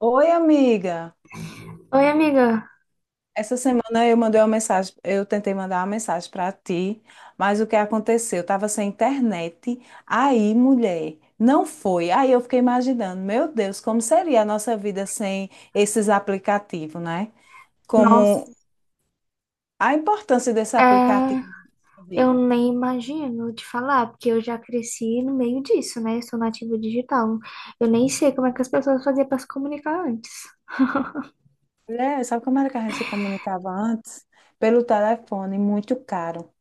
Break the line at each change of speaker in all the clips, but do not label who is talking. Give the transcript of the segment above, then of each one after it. Oi, amiga.
Oi, amiga.
Essa semana eu mandei uma mensagem, eu tentei mandar uma mensagem para ti, mas o que aconteceu? Eu estava sem internet. Aí, mulher, não foi. Aí eu fiquei imaginando, meu Deus, como seria a nossa vida sem esses aplicativos, né?
Nossa,
Como a importância desse
é,
aplicativo na nossa
eu
vida.
nem imagino te falar, porque eu já cresci no meio disso, né? Eu sou nativa digital. Eu nem sei como é que as pessoas faziam para se comunicar antes.
Mulher, sabe como era que a gente se comunicava antes? Pelo telefone, muito caro.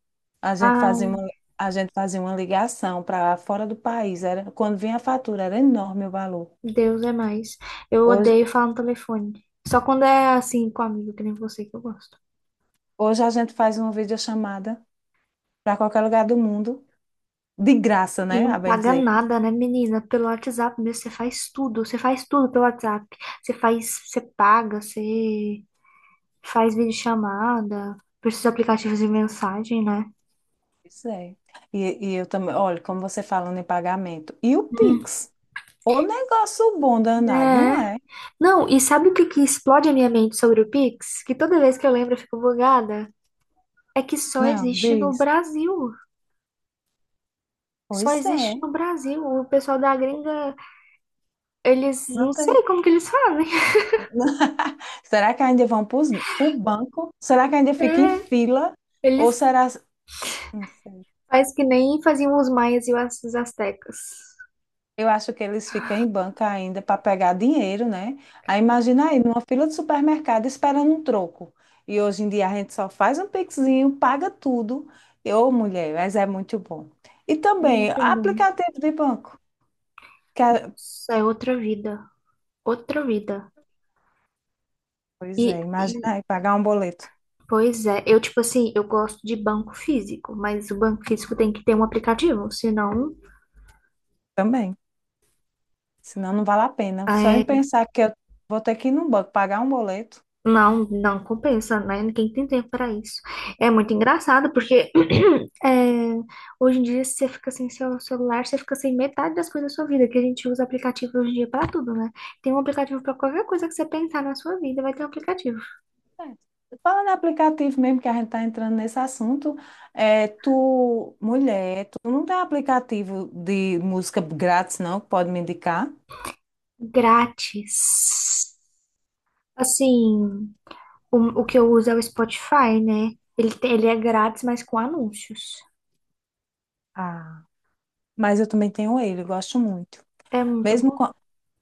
A gente fazia
Ai,
uma, a gente fazia uma ligação para fora do país. Era, quando vinha a fatura, era enorme o valor.
Deus é mais. Eu
Hoje,
odeio falar no telefone. Só quando é assim com amigo, que nem você, que eu gosto.
hoje a gente faz uma videochamada para qualquer lugar do mundo, de graça,
E
né? A
não
bem
paga
dizer.
nada, né, menina? Pelo WhatsApp mesmo, você faz tudo. Você faz tudo pelo WhatsApp. Você faz, você paga, você faz videochamada, por esses aplicativos de mensagem, né?
Isso é. E eu também, olha, como você falando em pagamento. E o Pix? O negócio bom danado, não
É.
é?
Não, e sabe o que que explode a minha mente sobre o Pix? Que toda vez que eu lembro eu fico bugada. É que só
Não,
existe no
diz.
Brasil. Só
Pois
existe
é.
no Brasil. O pessoal da gringa, eles
Não
não
tem.
sei como que eles fazem.
Será que ainda vão para o banco? Será que ainda fica em
É,
fila? Ou
eles
será. Não sei.
faz que nem faziam os maias e os astecas.
Eu acho que eles ficam em banca ainda para pegar dinheiro, né? Aí imagina aí, numa fila de supermercado esperando um troco. E hoje em dia a gente só faz um pixinho, paga tudo. Ô, mulher, mas é muito bom. E
É
também
muito bom.
aplicativo de banco. que a-
Isso é outra vida. Outra vida. E,
Pois é,
e,
imagina aí pagar um boleto
pois é, eu tipo assim, eu gosto de banco físico, mas o banco físico tem que ter um aplicativo, senão
também. Senão não vale a pena. Só em
é,
pensar que eu vou ter que ir num banco pagar um boleto.
não, não compensa, né? Ninguém tem tempo para isso. É
É.
muito engraçado porque é, hoje em dia, se você fica sem seu celular, você fica sem metade das coisas da sua vida, que a gente usa aplicativo hoje em dia para tudo, né? Tem um aplicativo para qualquer coisa que você pensar na sua vida, vai ter um aplicativo
É. Falando em aplicativo mesmo, que a gente está entrando nesse assunto, tu, mulher, tu não tem aplicativo de música grátis, não, que pode me indicar?
grátis. Assim, o que eu uso é o Spotify, né? Ele é grátis, mas com anúncios.
Ah, mas eu também tenho ele, eu gosto muito.
É muito
Mesmo
bom
com,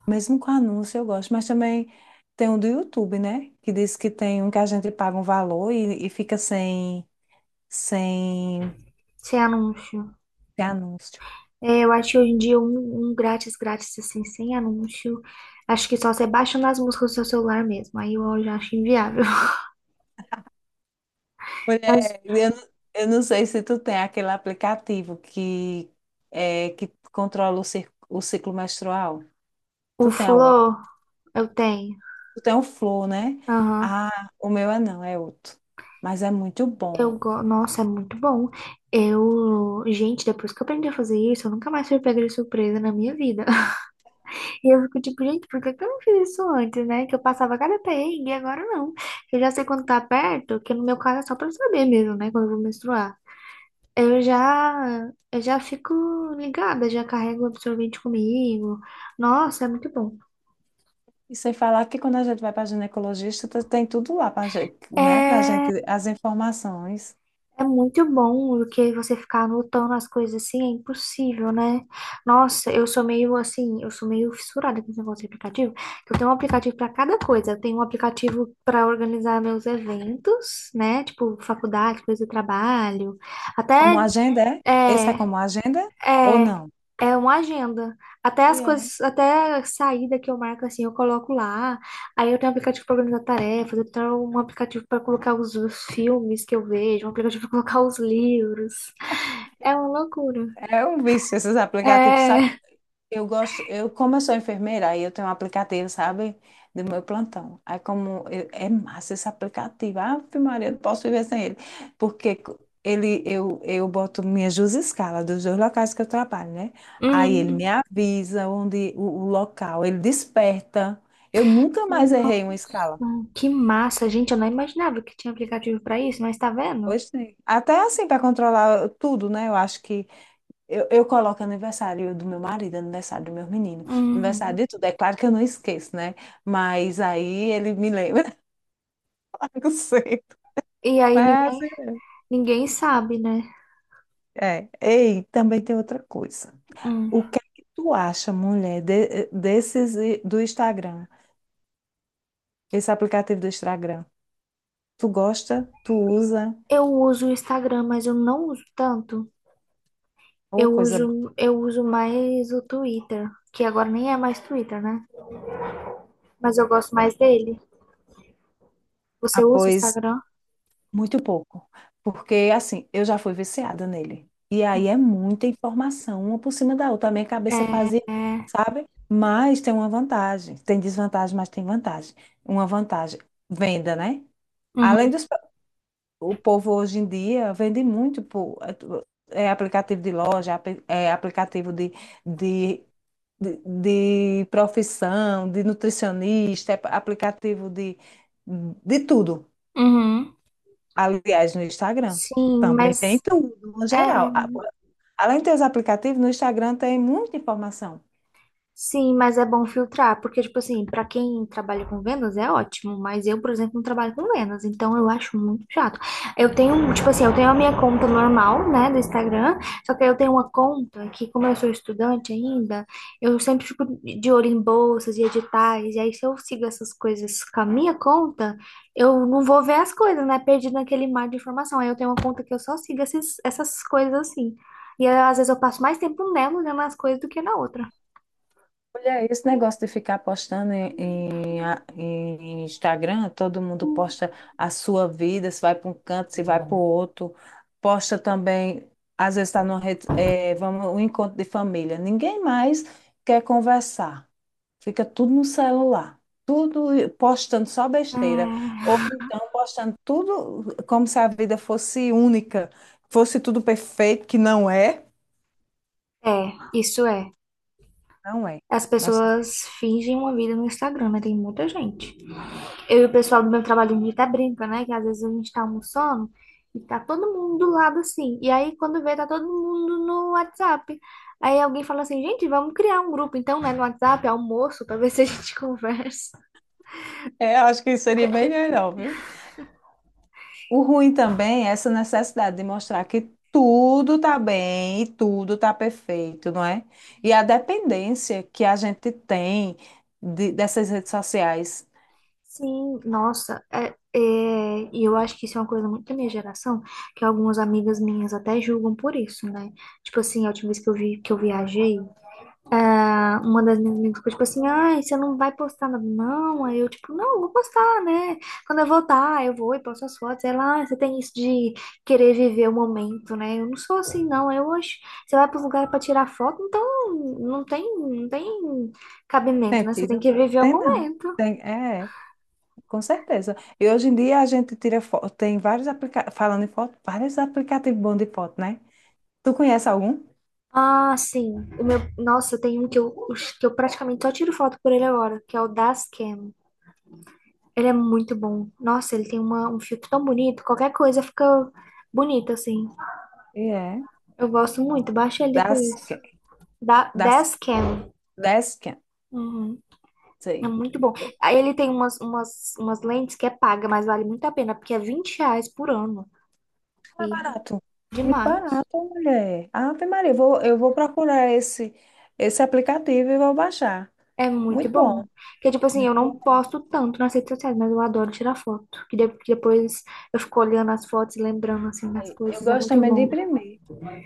Mesmo com anúncio eu gosto, mas também tem um do YouTube, né? Que diz que tem um que a gente paga um valor e fica sem
sem anúncio.
anúncio.
É, eu acho que hoje em dia um grátis, grátis assim, sem anúncio. Acho que só você baixando as músicas do seu celular mesmo. Aí eu já acho inviável. Mas
Mulher, eu não sei se tu tem aquele aplicativo que, que controla o, o ciclo menstrual.
o
Tu tem algum?
Flow eu tenho.
Tu tem o Flow, né?
Aham.
Ah, o meu é não, é outro. Mas é muito bom.
Nossa, é muito bom. Eu. Gente, depois que eu aprendi a fazer isso, eu nunca mais fui pega de surpresa na minha vida. E eu fico tipo, gente, por que que eu não fiz isso antes, né? Que eu passava cada perrengue e agora não. Eu já sei quando tá perto, que no meu caso é só pra eu saber mesmo, né? Quando eu vou menstruar. Eu já fico ligada, já carrego o absorvente comigo. Nossa, é muito bom.
E sem falar que quando a gente vai para ginecologista, tu tem tudo lá para, né, para gente,
É,
as informações.
é, muito bom do que você ficar anotando as coisas assim, é impossível, né? Nossa, eu sou meio assim, eu sou meio fissurada com esse negócio de aplicativo. Eu tenho um aplicativo para cada coisa. Eu tenho um aplicativo para organizar meus eventos, né? Tipo, faculdade, coisa de trabalho,
Como
até.
agenda, é? Esse é
É,
como agenda ou não?
é, é uma agenda. Até
E
as
é.
coisas, até a saída que eu marco assim, eu coloco lá. Aí eu tenho um aplicativo para organizar tarefas, eu tenho um aplicativo para colocar os filmes que eu vejo, um aplicativo para colocar os livros. É uma loucura.
É um vício esses aplicativos, sabe?
É.
Como eu sou enfermeira, aí eu tenho um aplicativo, sabe? Do meu plantão. É massa esse aplicativo. Ah, Maria, eu não posso viver sem ele. Porque co- ele, eu boto minhas duas escalas dos dois locais que eu trabalho, né? Aí ele me
Hum.
avisa onde o local, ele desperta. Eu nunca mais errei uma escala.
Nossa, que massa, gente. Eu não imaginava que tinha aplicativo para isso, mas tá vendo?
Hoje tem. Até assim, para controlar tudo, né? Eu acho que eu coloco aniversário do meu marido, aniversário do meu menino, aniversário
Uhum.
de tudo. É claro que eu não esqueço, né? Mas aí ele me lembra. Eu sei.
E aí
Mas,
ninguém sabe, né?
é. Ei, também tem outra coisa.
Hum.
O que é que tu acha, mulher, do Instagram? Esse aplicativo do Instagram? Tu gosta? Tu usa?
Eu uso o Instagram, mas eu não uso tanto. Eu
Ou coisa boa?
uso, eu uso mais o Twitter, que agora nem é mais Twitter, né? Mas eu gosto mais dele.
Ah,
Você usa
pois
Instagram?
Muito pouco, porque assim, eu já fui viciada nele. E aí é muita informação, uma por cima da outra. A minha
É,
cabeça fazia,
é.
sabe? Mas tem uma vantagem. Tem desvantagem, mas tem vantagem. Uma vantagem, venda, né? Além
Uhum.
dos, o povo hoje em dia vende muito por aplicativo de loja, aplicativo de, de profissão, de nutricionista, é aplicativo de tudo.
Uhum.
Aliás, no Instagram
Sim,
também tem
mas
tudo, no
é.
geral. Além de ter os aplicativos, no Instagram tem muita informação.
Sim, mas é bom filtrar, porque, tipo assim, pra quem trabalha com vendas é ótimo, mas eu, por exemplo, não trabalho com vendas, então eu acho muito chato. Eu tenho, tipo assim, eu tenho a minha conta normal, né, do Instagram, só que aí eu tenho uma conta que, como eu sou estudante ainda, eu sempre fico de olho em bolsas e editais, e aí se eu sigo essas coisas com a minha conta, eu não vou ver as coisas, né, perdido naquele mar de informação. Aí eu tenho uma conta que eu só sigo essas coisas assim. E aí, às vezes eu passo mais tempo nela olhando as coisas do que na outra.
Olha, esse negócio de ficar postando em Instagram, todo mundo posta a sua vida, se vai para um canto, se vai para o outro. Posta também, às vezes está numa rede, vamos, um encontro de família. Ninguém mais quer conversar. Fica tudo no celular. Tudo postando só besteira. Ou
Hum.
então postando tudo como se a vida fosse única, fosse tudo perfeito, que não é.
É, isso é.
Não é.
As
Nossa vida.
pessoas fingem uma vida no Instagram, né? Tem muita gente. Eu e o pessoal do meu trabalho, a gente até brinca, né? Que às vezes a gente tá almoçando e tá todo mundo do lado assim. E aí, quando vê, tá todo mundo no WhatsApp. Aí alguém fala assim, gente, vamos criar um grupo, então, né? No WhatsApp, almoço, pra ver se a gente conversa.
É, acho que seria bem melhor, viu? O ruim também é essa necessidade de mostrar que tudo tá bem e tudo tá perfeito, não é? E a dependência que a gente tem dessas redes sociais.
Sim, nossa, é, é, e eu acho que isso é uma coisa muito da minha geração, que algumas amigas minhas até julgam por isso, né? Tipo assim, a última vez que eu vi que eu viajei, uma das minhas amigas ficou tipo assim, ai, você não vai postar nada não? Aí eu, tipo, não, vou postar, né? Quando eu voltar, eu vou e posto as fotos. Ela, ah, você tem isso de querer viver o momento, né? Eu não sou assim, não. Eu hoje, você vai para os lugares para tirar foto, então não tem cabimento, né? Você tem
Sentido?
que viver o
Tem não.
momento.
Tem, é. Com certeza. E hoje em dia a gente tira foto, tem vários aplicativos, falando em foto, vários aplicativos bons de foto, né? Tu conhece algum?
Ah, sim. O meu, nossa, tem um que eu praticamente só tiro foto por ele agora, que é o das Cam. Ele é muito bom. Nossa, ele tem uma, um filtro tão bonito, qualquer coisa fica bonita, assim.
E é.
Eu gosto muito, baixa ele depois.
Dasken.
Da
Das,
10 Cam.
Dasken,
Uhum. É
sei.
muito bom.
É
Aí ele tem umas lentes que é paga, mas vale muito a pena, porque é R$ 20 por ano.
é
E
barato. Muito
demais.
barato, mulher. Ave Maria, eu vou procurar esse aplicativo e vou baixar.
É muito
Muito bom,
bom. Porque, tipo assim,
muito
eu não
bom.
posto tanto nas redes sociais, mas eu adoro tirar foto. Que depois eu fico olhando as fotos e lembrando, assim, das
Eu
coisas. É
gosto
muito
também de
bom.
imprimir.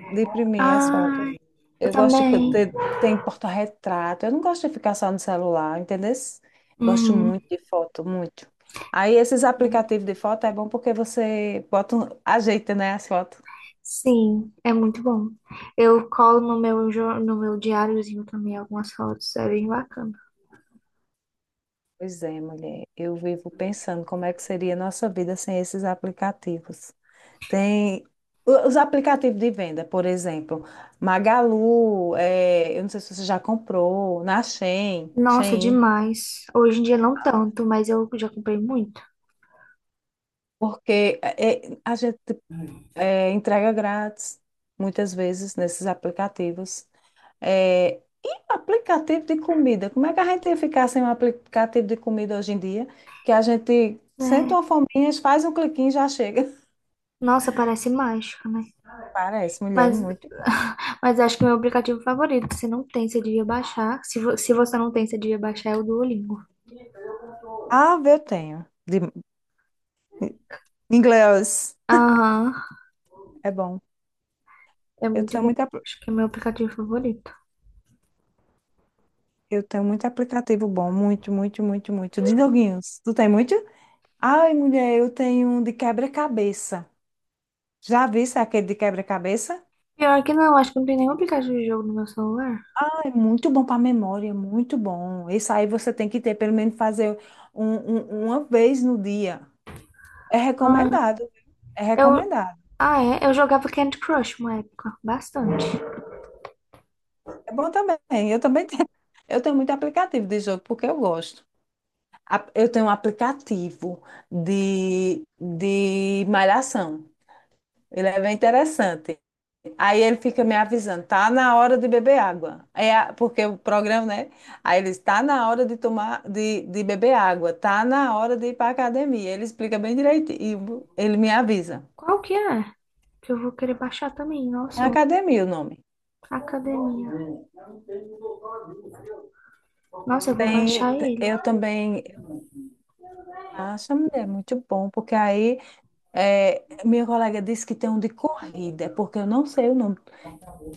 De imprimir as fotos.
Ai, eu
Eu gosto de co-
também.
ter, tem porta-retrato. Eu não gosto de ficar só no celular, entendeu? Gosto muito de foto, muito. Aí esses
Uhum.
aplicativos de foto é bom porque você ajeita, né, as fotos.
Sim, é muito bom. Eu colo no meu diáriozinho também algumas fotos, é bem bacana.
Pois é, mulher. Eu vivo pensando como é que seria a nossa vida sem esses aplicativos. Tem os aplicativos de venda, por exemplo, Magalu, eh, eu não sei se você já comprou, na
Nossa,
Shein.
demais. Hoje em dia não tanto, mas eu já comprei muito.
Porque a gente entrega grátis, muitas vezes, nesses aplicativos. É, e aplicativo de comida? Como é que a gente ia ficar sem um aplicativo de comida hoje em dia? Que a gente sente
Né?
uma fominha, faz um cliquinho e já chega.
Nossa, parece mágica, né?
Parece, mulher, é
Mas,
muito bom.
mas acho que o meu aplicativo favorito, se não tem, você devia baixar. Se você não tem, você devia baixar é o Duolingo.
Ah, eu tenho. De inglês
Aham,
é bom.
é
Eu
muito
tenho
bom.
muito, apl-
Acho que é meu aplicativo favorito.
eu tenho muito aplicativo bom, muito. De joguinhos. Tu tem muito? Ai, mulher, eu tenho um de quebra-cabeça. Já viste aquele de quebra-cabeça?
Pior que não, acho que não tem nenhum aplicativo de jogo no meu celular.
É muito bom para a memória, muito bom. Isso aí você tem que ter, pelo menos fazer uma vez no dia. É
Ah,
recomendado, viu? É
eu,
recomendado.
Ah, é? Eu jogava Candy Crush uma época, bastante.
É bom também. Eu também tenho, eu tenho muito aplicativo de jogo porque eu gosto. Eu tenho um aplicativo de malhação. Ele é bem interessante. Aí ele fica me avisando, tá na hora de beber água. Porque o programa, né? Aí ele está na hora de tomar, de beber água, tá na hora de ir para academia. Ele explica bem direitinho, ele me avisa.
Qual que é? Que eu vou querer baixar também.
É
Nossa,
academia o nome.
academia. Nossa, eu vou baixar ele.
Eu também acho, mulher, é muito bom, porque aí minha colega disse que tem um de corrida, porque eu não sei o nome.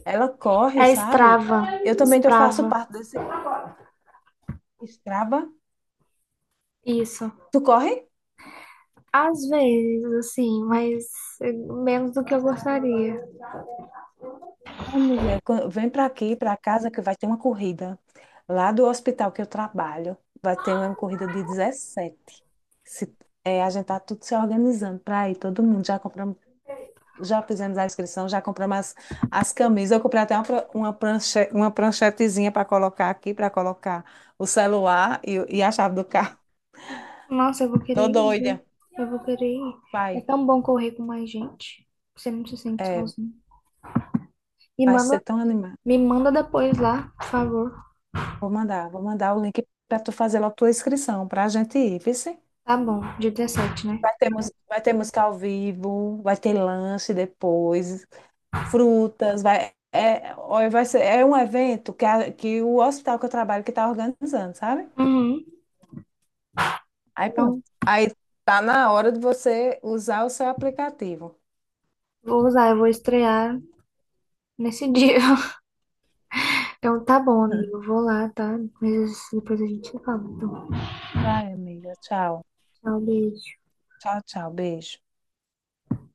Ela corre,
É
sabe?
Strava.
Eu também eu faço
Strava.
parte desse Strava.
Isso.
Tu corre?
Às vezes, assim, mas eh, menos do que eu gostaria.
Ai, mulher, vem para aqui, para casa, que vai ter uma corrida. Lá do hospital que eu trabalho, vai ter uma corrida de 17. Se, é, a gente tá tudo se organizando para ir, todo mundo. Já compramos, já fizemos a inscrição, já compramos as camisas. Eu comprei até uma pranchetezinha para colocar aqui, para colocar o celular e a chave do carro.
Nossa, eu vou
Tô
querer ir, viu?
doida.
Eu vou querer ir. É
Pai,
tão bom correr com mais gente. Você não se sente
é,
sozinho. Me
Vai
manda,
ser tão animado.
me manda depois lá, por favor.
Vou mandar o link para tu fazer logo tua inscrição, para a gente ir, viu?
Tá bom, dia 17, né?
Vai ter,
Não.
vai ter música ao vivo, vai ter lanche depois, frutas, vai, é, olha, vai ser, é um evento que o hospital que eu trabalho que está organizando, sabe?
Uhum.
Aí pronto.
Não.
Aí tá na hora de você usar o seu aplicativo.
Vou usar, eu vou estrear nesse dia. Então tá bom, amigo. Eu vou lá, tá? Mas depois a gente se fala. Então,
Vai, amiga. Tchau.
tchau, beijo.
Tchau, tchau. Beijo.